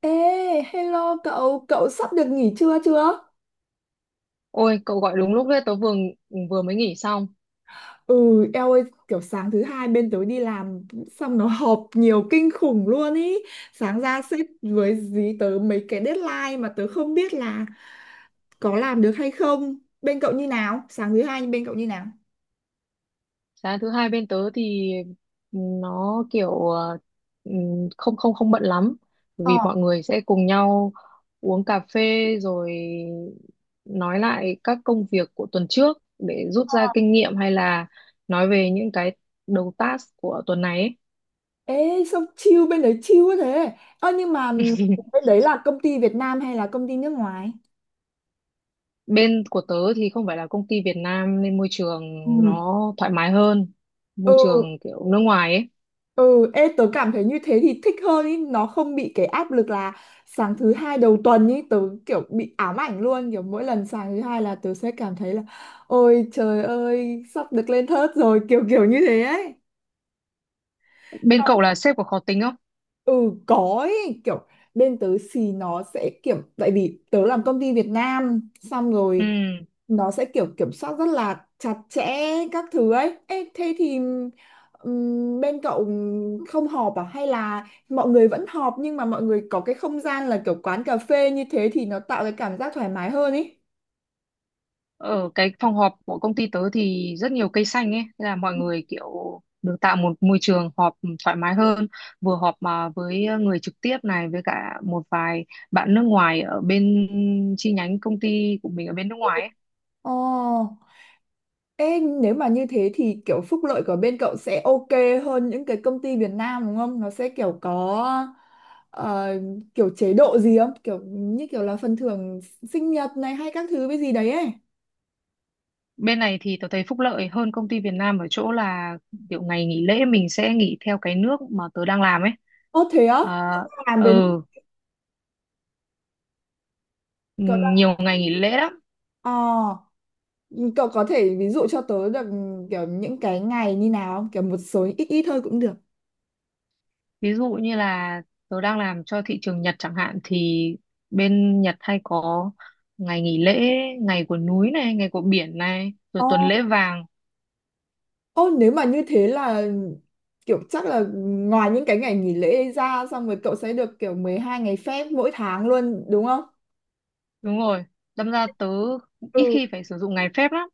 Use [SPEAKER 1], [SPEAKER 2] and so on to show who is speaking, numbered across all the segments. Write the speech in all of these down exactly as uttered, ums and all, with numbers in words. [SPEAKER 1] Ê, hello cậu, cậu sắp được nghỉ trưa chưa?
[SPEAKER 2] Ôi, cậu gọi đúng lúc đấy, tớ vừa vừa mới nghỉ xong.
[SPEAKER 1] Ừ, eo ơi, kiểu sáng thứ hai bên tớ đi làm xong nó họp nhiều kinh khủng luôn ý. Sáng ra sếp với dí tớ mấy cái deadline mà tớ không biết là có làm được hay không. Bên cậu như nào? Sáng thứ hai bên cậu như nào?
[SPEAKER 2] Sáng thứ hai bên tớ thì nó kiểu ờ, ừm, không không không bận lắm,
[SPEAKER 1] Ờ.
[SPEAKER 2] vì mọi người sẽ cùng nhau uống cà phê rồi nói lại các công việc của tuần trước để rút ra kinh nghiệm hay là nói về những cái đầu task của tuần này ấy.
[SPEAKER 1] Ê, sao chill bên đấy chill quá thế? Ơ nhưng mà bên đấy là công ty Việt Nam hay là công ty nước ngoài?
[SPEAKER 2] Bên của tớ thì không phải là công ty Việt Nam nên môi trường
[SPEAKER 1] Ừ.
[SPEAKER 2] nó thoải mái hơn, môi
[SPEAKER 1] Ừ,
[SPEAKER 2] trường kiểu nước ngoài ấy.
[SPEAKER 1] ừ, ê, tớ cảm thấy như thế thì thích hơn ý, nó không bị cái áp lực là sáng thứ hai đầu tuần ý, tớ kiểu bị ám ảnh luôn, kiểu mỗi lần sáng thứ hai là tớ sẽ cảm thấy là ôi trời ơi, sắp được lên thớt rồi, kiểu kiểu như thế ấy.
[SPEAKER 2] Bên cậu là sếp có khó tính không?
[SPEAKER 1] Ừ, có ý, kiểu bên tớ thì nó sẽ kiểu, tại vì tớ làm công ty Việt Nam, xong
[SPEAKER 2] Ừ,
[SPEAKER 1] rồi nó sẽ kiểu kiểm soát rất là chặt chẽ các thứ ấy. Ê, thế thì ừm, bên cậu không họp à, hay là mọi người vẫn họp nhưng mà mọi người có cái không gian là kiểu quán cà phê như thế thì nó tạo cái cảm giác thoải mái hơn ý.
[SPEAKER 2] ở cái phòng họp của công ty tớ thì rất nhiều cây xanh ấy, nên là mọi người kiểu được tạo một môi trường họp thoải mái hơn, vừa họp mà với ờ, người trực tiếp này với cả một vài bạn nước ngoài ở bên chi nhánh công ty của mình ở bên nước ngoài ấy.
[SPEAKER 1] Ồ, ê nếu mà như thế thì kiểu phúc lợi của bên cậu sẽ ok hơn những cái công ty Việt Nam đúng không? Nó sẽ kiểu có ờ, kiểu chế độ gì không? Kiểu như kiểu là phần thưởng sinh nhật này hay các thứ với gì đấy ấy.
[SPEAKER 2] Bên này thì tớ thấy phúc lợi hơn công ty Việt Nam ở chỗ là kiểu ngày nghỉ lễ mình sẽ nghỉ theo cái nước mà tớ đang làm ấy.
[SPEAKER 1] Ô thế á?
[SPEAKER 2] À,
[SPEAKER 1] Làm bên.
[SPEAKER 2] ừ, nhiều ngày nghỉ lễ lắm.
[SPEAKER 1] Ờ, cậu có thể ví dụ cho tớ được kiểu những cái ngày như nào không? Kiểu một số ít ít thôi cũng được.
[SPEAKER 2] Ví dụ như là tớ đang làm cho thị trường Nhật chẳng hạn thì bên Nhật hay có ngày nghỉ lễ, ngày của núi này, ngày của biển này, rồi
[SPEAKER 1] Ồ,
[SPEAKER 2] tuần lễ vàng.
[SPEAKER 1] ô, nếu mà như thế là kiểu chắc là ngoài những cái ngày nghỉ lễ ra xong rồi cậu sẽ được kiểu mười hai ngày phép mỗi tháng luôn đúng không?
[SPEAKER 2] Đúng rồi. Đâm ra tớ ít
[SPEAKER 1] Ừ.
[SPEAKER 2] khi phải sử dụng ngày phép lắm.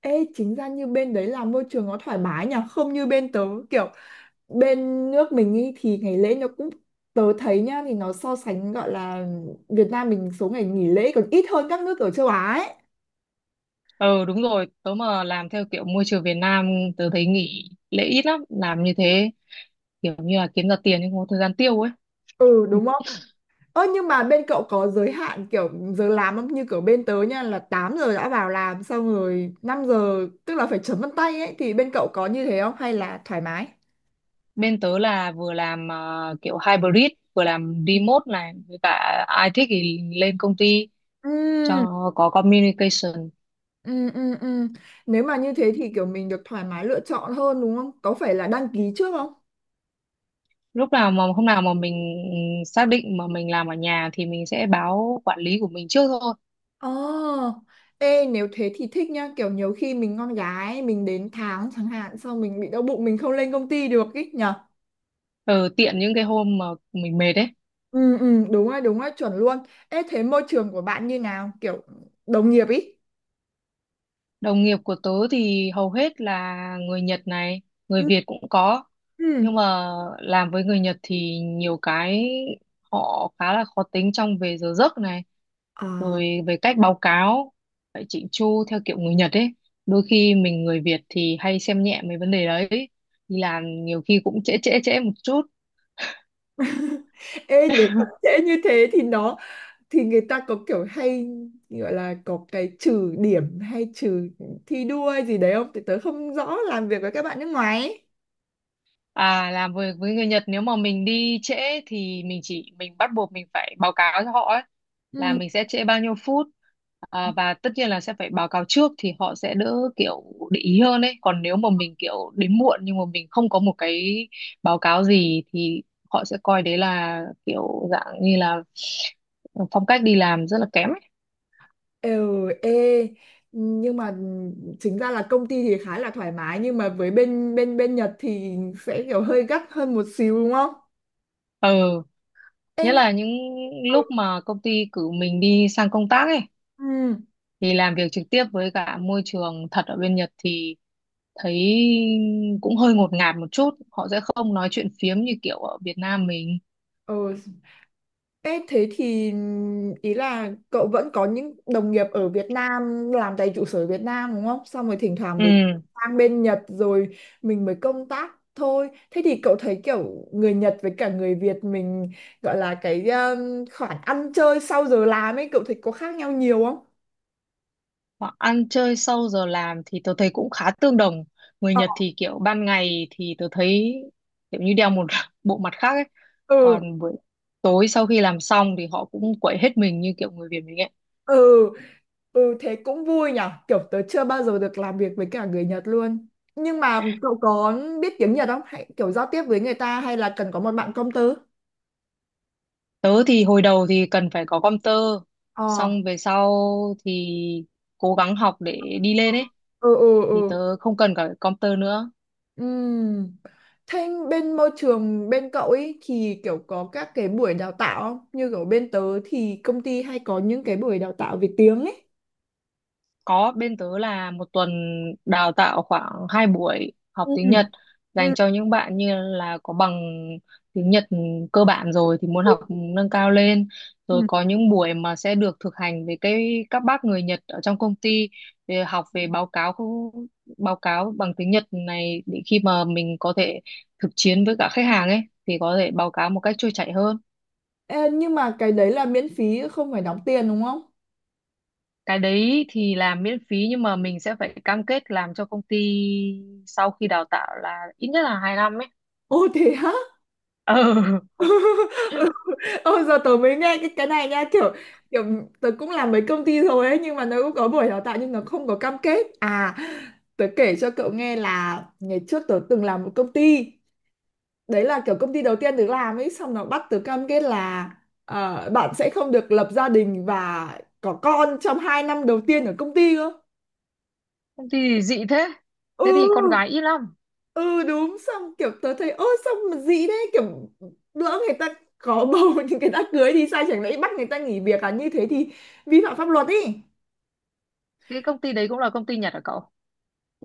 [SPEAKER 1] Ê, chính ra như bên đấy là môi trường nó thoải mái nhỉ, không như bên tớ kiểu bên nước mình ý thì ngày lễ nó cũng, tớ thấy nhá thì nó so sánh gọi là Việt Nam mình số ngày nghỉ lễ còn ít hơn các nước ở châu Á ấy.
[SPEAKER 2] Ờ đúng rồi, tớ mà làm theo kiểu môi trường Việt Nam tớ thấy nghỉ lễ ít lắm, làm như thế kiểu như là kiếm ra tiền nhưng không có thời gian tiêu ấy.
[SPEAKER 1] Ừ đúng không? Ơ nhưng mà bên cậu có giới hạn kiểu giờ làm không? Như kiểu bên tớ nha là tám giờ đã vào làm, xong rồi năm giờ tức là phải chấm vân tay ấy, thì bên cậu có như thế không hay là thoải mái?
[SPEAKER 2] Bên tớ là vừa làm ờ, kiểu hybrid, vừa làm remote này, với cả ai thích thì lên công ty cho
[SPEAKER 1] Ừ,
[SPEAKER 2] nó có communication.
[SPEAKER 1] ừ, ừ, ừ. Nếu mà như thế thì kiểu mình được thoải mái lựa chọn hơn đúng không? Có phải là đăng ký trước không?
[SPEAKER 2] Lúc nào mà hôm nào mà mình xác định mà mình làm ở nhà thì mình sẽ báo quản lý của mình trước thôi.
[SPEAKER 1] Ồ, ê nếu thế thì thích nhá, kiểu nhiều khi mình con gái mình đến tháng chẳng hạn xong mình bị đau bụng mình không lên công ty được ý nhỉ?
[SPEAKER 2] ờ, Tiện những cái hôm mà mình mệt ấy.
[SPEAKER 1] Ừ, ừ, đúng rồi, đúng rồi, chuẩn luôn. Ê, thế môi trường của bạn như nào? Kiểu đồng nghiệp ý.
[SPEAKER 2] Đồng nghiệp của tớ thì hầu hết là người Nhật này, người
[SPEAKER 1] Ừ.
[SPEAKER 2] Việt cũng có,
[SPEAKER 1] Ừ.
[SPEAKER 2] nhưng mà làm với người Nhật thì nhiều cái họ khá là khó tính trong về giờ giấc này
[SPEAKER 1] Ờ.
[SPEAKER 2] rồi về cách báo cáo phải chỉnh chu theo kiểu người Nhật ấy, đôi khi mình người Việt thì hay xem nhẹ mấy vấn đề đấy, đi làm nhiều khi cũng trễ trễ trễ một chút.
[SPEAKER 1] Ê, nếu mà trễ như thế thì nó, thì người ta có kiểu hay gọi là có cái trừ điểm hay trừ thi đua hay gì đấy không? Thì tớ không rõ làm việc với các bạn nước ngoài ấy.
[SPEAKER 2] À, làm việc với người Nhật nếu mà mình đi trễ thì mình chỉ mình bắt buộc mình phải báo cáo cho họ ấy, là
[SPEAKER 1] Ừ.
[SPEAKER 2] mình sẽ trễ bao nhiêu phút. À, và tất nhiên là sẽ phải báo cáo trước thì họ sẽ đỡ kiểu để ý hơn ấy. Còn nếu mà mình kiểu đến muộn nhưng mà mình không có một cái báo cáo gì thì họ sẽ coi đấy là kiểu dạng như là phong cách đi làm rất là kém ấy.
[SPEAKER 1] Ừ, ê, nhưng mà chính ra là công ty thì khá là thoải mái, nhưng mà với bên bên bên Nhật thì sẽ kiểu hơi gắt hơn một xíu đúng không?
[SPEAKER 2] Ừ,
[SPEAKER 1] Ê,
[SPEAKER 2] nhất
[SPEAKER 1] nhưng.
[SPEAKER 2] là những lúc mà công ty cử mình đi sang công tác ấy
[SPEAKER 1] Ừ.
[SPEAKER 2] thì làm việc trực tiếp với cả môi trường thật ở bên Nhật thì thấy cũng hơi ngột ngạt một chút, họ sẽ không nói chuyện phiếm như kiểu ở Việt Nam mình.
[SPEAKER 1] Ừ. Ê, thế thì ý là cậu vẫn có những đồng nghiệp ở Việt Nam làm tại trụ sở Việt Nam đúng không? Xong rồi thỉnh thoảng mới
[SPEAKER 2] Ừ,
[SPEAKER 1] sang bên Nhật rồi mình mới công tác thôi. Thế thì cậu thấy kiểu người Nhật với cả người Việt mình gọi là cái um, khoản ăn chơi sau giờ làm ấy, cậu thấy có khác nhau nhiều không?
[SPEAKER 2] họ ăn chơi sau giờ làm thì tôi thấy cũng khá tương đồng, người
[SPEAKER 1] Ờ.
[SPEAKER 2] Nhật thì kiểu ban ngày thì tôi thấy kiểu như đeo một bộ mặt khác ấy,
[SPEAKER 1] Ừ,
[SPEAKER 2] còn buổi tối sau khi làm xong thì họ cũng quậy hết mình như kiểu người Việt mình ấy.
[SPEAKER 1] ừ, ừ, thế cũng vui nhở. Kiểu tớ chưa bao giờ được làm việc với cả người Nhật luôn. Nhưng mà cậu có biết tiếng Nhật không? Hay kiểu giao tiếp với người ta hay là cần có một bạn công tớ?
[SPEAKER 2] Tớ thì hồi đầu thì cần phải có công tơ,
[SPEAKER 1] Ờ.
[SPEAKER 2] xong về sau thì cố gắng học để đi lên ấy,
[SPEAKER 1] Ừ, ừ,
[SPEAKER 2] thì
[SPEAKER 1] ừ.
[SPEAKER 2] tớ không cần cả computer nữa.
[SPEAKER 1] Ừm. Thế bên môi trường bên cậu ấy thì kiểu có các cái buổi đào tạo không? Như kiểu bên tớ thì công ty hay có những cái buổi đào tạo về tiếng ấy.
[SPEAKER 2] Có, bên tớ là một tuần đào tạo khoảng hai buổi học
[SPEAKER 1] Ừ.
[SPEAKER 2] tiếng Nhật
[SPEAKER 1] Ừ.
[SPEAKER 2] dành cho những bạn như là có bằng tiếng Nhật cơ bản rồi thì muốn học nâng cao lên, rồi
[SPEAKER 1] Ừ.
[SPEAKER 2] có những buổi mà sẽ được thực hành với cái các bác người Nhật ở trong công ty để học về báo cáo khu- báo cáo bằng tiếng Nhật này để khi mà mình có thể thực chiến với cả khách hàng ấy thì có thể báo cáo một cách trôi chảy hơn.
[SPEAKER 1] Ê, nhưng mà cái đấy là miễn phí, không phải đóng tiền đúng không?
[SPEAKER 2] Cái đấy thì làm miễn phí nhưng mà mình sẽ phải cam kết làm cho công ty sau khi đào tạo là ít nhất là hai năm ấy.
[SPEAKER 1] Ồ thế hả?
[SPEAKER 2] Ừ.
[SPEAKER 1] Ôi giờ tớ mới nghe cái cái này nha, kiểu kiểu tớ cũng làm mấy công ty rồi ấy, nhưng mà nó cũng có buổi đào tạo nhưng nó không có cam kết à. Tớ kể cho cậu nghe là ngày trước tớ từng làm một công ty, đấy là kiểu công ty đầu tiên tớ làm ấy, xong nó bắt tớ cam kết là ờ, bạn sẽ không được lập gia đình và có con trong hai năm đầu tiên ở công ty cơ.
[SPEAKER 2] Công ty thì dị thế, thế thì con
[SPEAKER 1] Ừ,
[SPEAKER 2] gái ít lắm.
[SPEAKER 1] ừ, đúng. Xong kiểu tớ thấy ơ, xong mà gì đấy kiểu lỡ người ta có bầu thì người ta cưới thì sao, chẳng lẽ bắt người ta nghỉ việc à, như thế thì vi phạm pháp luật ý.
[SPEAKER 2] Cái công ty đấy cũng là công ty Nhật hả cậu?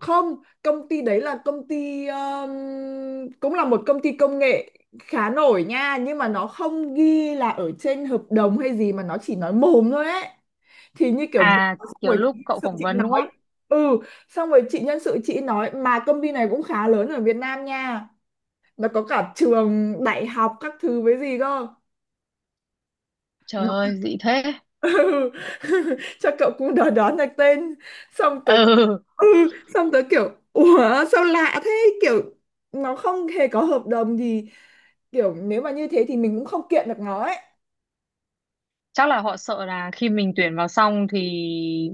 [SPEAKER 1] Không. Công ty đấy là công ty um, cũng là một công ty công nghệ khá nổi nha, nhưng mà nó không ghi là ở trên hợp đồng hay gì mà nó chỉ nói mồm thôi ấy, thì như kiểu vừa
[SPEAKER 2] À,
[SPEAKER 1] xong
[SPEAKER 2] kiểu
[SPEAKER 1] rồi chị
[SPEAKER 2] lúc
[SPEAKER 1] nhân
[SPEAKER 2] cậu
[SPEAKER 1] sự
[SPEAKER 2] phỏng
[SPEAKER 1] chị
[SPEAKER 2] vấn đúng
[SPEAKER 1] nói.
[SPEAKER 2] không?
[SPEAKER 1] Ừ, xong rồi chị nhân sự chị nói mà công ty này cũng khá lớn ở Việt Nam nha, nó có cả trường đại học các thứ với gì cơ.
[SPEAKER 2] Trời
[SPEAKER 1] Nó-
[SPEAKER 2] ơi, dị thế.
[SPEAKER 1] ừ. Cho cậu cũng đoán đoán được tên, xong tớ.
[SPEAKER 2] Ừ,
[SPEAKER 1] Ừ. Xong tớ kiểu ủa, sao lạ thế, kiểu nó không hề có hợp đồng gì, kiểu nếu mà như thế thì mình cũng không kiện được nó ấy.
[SPEAKER 2] chắc là họ sợ là khi mình tuyển vào xong thì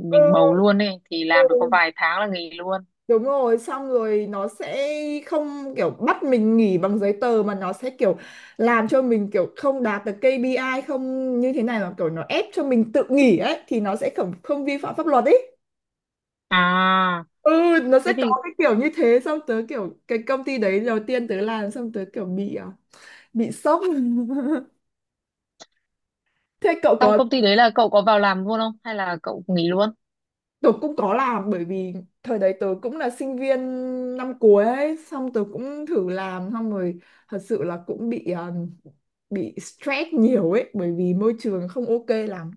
[SPEAKER 2] mình bầu luôn ấy thì làm được có
[SPEAKER 1] Ừ.
[SPEAKER 2] vài tháng là nghỉ luôn.
[SPEAKER 1] Đúng rồi, xong rồi nó sẽ không kiểu bắt mình nghỉ bằng giấy tờ mà nó sẽ kiểu làm cho mình kiểu không đạt được ca pê i, không như thế này, mà kiểu nó ép cho mình tự nghỉ ấy thì nó sẽ không không vi phạm pháp luật ấy.
[SPEAKER 2] À,
[SPEAKER 1] Ừ, nó sẽ
[SPEAKER 2] thế
[SPEAKER 1] có
[SPEAKER 2] thì
[SPEAKER 1] cái kiểu như thế, xong tớ kiểu cái công ty đấy đầu tiên tớ làm, xong tớ kiểu bị à, bị sốc. Thế cậu
[SPEAKER 2] trong
[SPEAKER 1] có.
[SPEAKER 2] công ty đấy là cậu có vào làm luôn không hay là cậu nghỉ luôn?
[SPEAKER 1] Tớ cũng có làm bởi vì thời đấy tớ cũng là sinh viên năm cuối ấy, xong tớ cũng thử làm, xong rồi thật sự là cũng bị ờ, bị stress nhiều ấy bởi vì môi trường không ok lắm.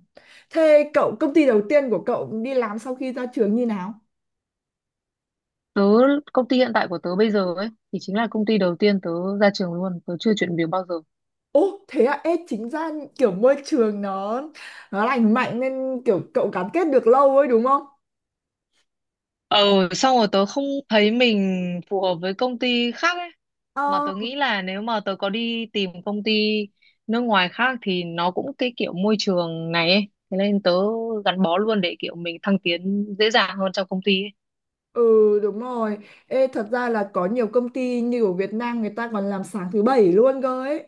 [SPEAKER 1] Thế cậu, công ty đầu tiên của cậu đi làm sau khi ra trường như nào?
[SPEAKER 2] Tớ, công ty hiện tại của tớ bây giờ ấy thì chính là công ty đầu tiên tớ ra trường luôn, tớ chưa chuyển việc bao giờ.
[SPEAKER 1] Ồ thế à, ê chính ra kiểu môi trường nó nó lành mạnh nên kiểu cậu gắn kết được lâu ấy đúng không?
[SPEAKER 2] Ờ, xong rồi tớ không thấy mình phù hợp với công ty khác ấy, mà
[SPEAKER 1] Ờ,
[SPEAKER 2] tớ nghĩ là nếu mà tớ có đi tìm công ty nước ngoài khác thì nó cũng cái kiểu môi trường này ấy, thế nên tớ gắn bó luôn để kiểu mình thăng tiến dễ dàng hơn trong công ty ấy.
[SPEAKER 1] ừ, đúng rồi. Ê, thật ra là có nhiều công ty như ở Việt Nam người ta còn làm sáng thứ bảy luôn cơ ấy,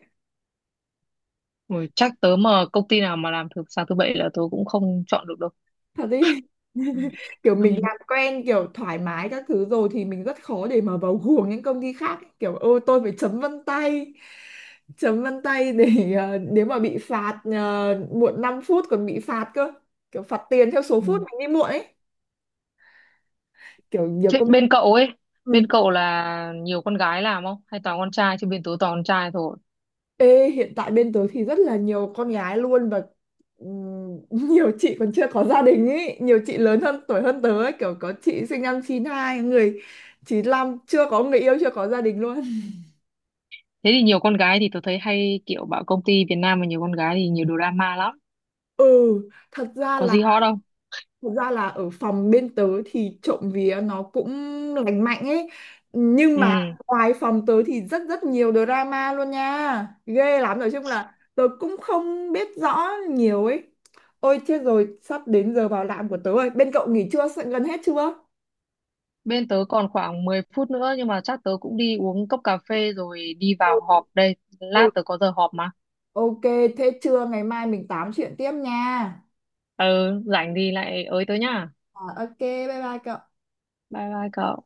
[SPEAKER 2] Ui, chắc tớ mà công ty nào mà làm thứ sáng thứ bảy là tớ cũng không chọn được đâu.
[SPEAKER 1] thật đi. Kiểu mình làm quen kiểu thoải mái các thứ rồi thì mình rất khó để mà vào guồng những công ty khác ấy. Kiểu ôi tôi phải chấm vân tay chấm vân tay để ờ, nếu mà bị phạt ờ, muộn năm phút còn bị phạt cơ, kiểu phạt tiền theo số
[SPEAKER 2] Ừ.
[SPEAKER 1] phút mình đi muộn ấy, kiểu nhiều
[SPEAKER 2] Thế
[SPEAKER 1] công.
[SPEAKER 2] bên cậu ấy,
[SPEAKER 1] Ừ.
[SPEAKER 2] bên cậu là nhiều con gái làm không? Hay toàn con trai? Chứ bên tớ toàn con trai thôi.
[SPEAKER 1] Ê, hiện tại bên tớ thì rất là nhiều con gái luôn và ừm, nhiều chị còn chưa có gia đình ấy, nhiều chị lớn hơn tuổi hơn tớ ấy, kiểu có chị sinh năm chín hai, người chín lăm, chưa có người yêu, chưa có gia đình luôn.
[SPEAKER 2] Thế thì nhiều con gái thì tớ thấy hay kiểu bảo công ty Việt Nam mà nhiều con gái thì nhiều drama lắm.
[SPEAKER 1] Ừ, thật ra
[SPEAKER 2] Có
[SPEAKER 1] là
[SPEAKER 2] gì hot đâu.
[SPEAKER 1] Thật ra là ở phòng bên tớ thì trộm vía nó cũng lành mạnh ấy. Nhưng
[SPEAKER 2] Ừ.
[SPEAKER 1] mà ngoài phòng tớ thì rất rất nhiều drama luôn nha. Ghê lắm. Nói chung là tớ cũng không biết rõ nhiều ấy. Ôi chết rồi, sắp đến giờ vào làm của tớ rồi. Bên cậu nghỉ trưa sẽ- gần hết chưa?
[SPEAKER 2] Bên tớ còn khoảng mười phút nữa nhưng mà chắc tớ cũng đi uống cốc cà phê rồi đi
[SPEAKER 1] Ừ.
[SPEAKER 2] vào họp đây.
[SPEAKER 1] Ừ.
[SPEAKER 2] Lát tớ có giờ họp mà.
[SPEAKER 1] Ok, thế trưa ngày mai mình tám chuyện tiếp nha.
[SPEAKER 2] Ừ, rảnh thì lại ới tớ nhá.
[SPEAKER 1] À, ok, bye bye cậu.
[SPEAKER 2] Bye bye cậu.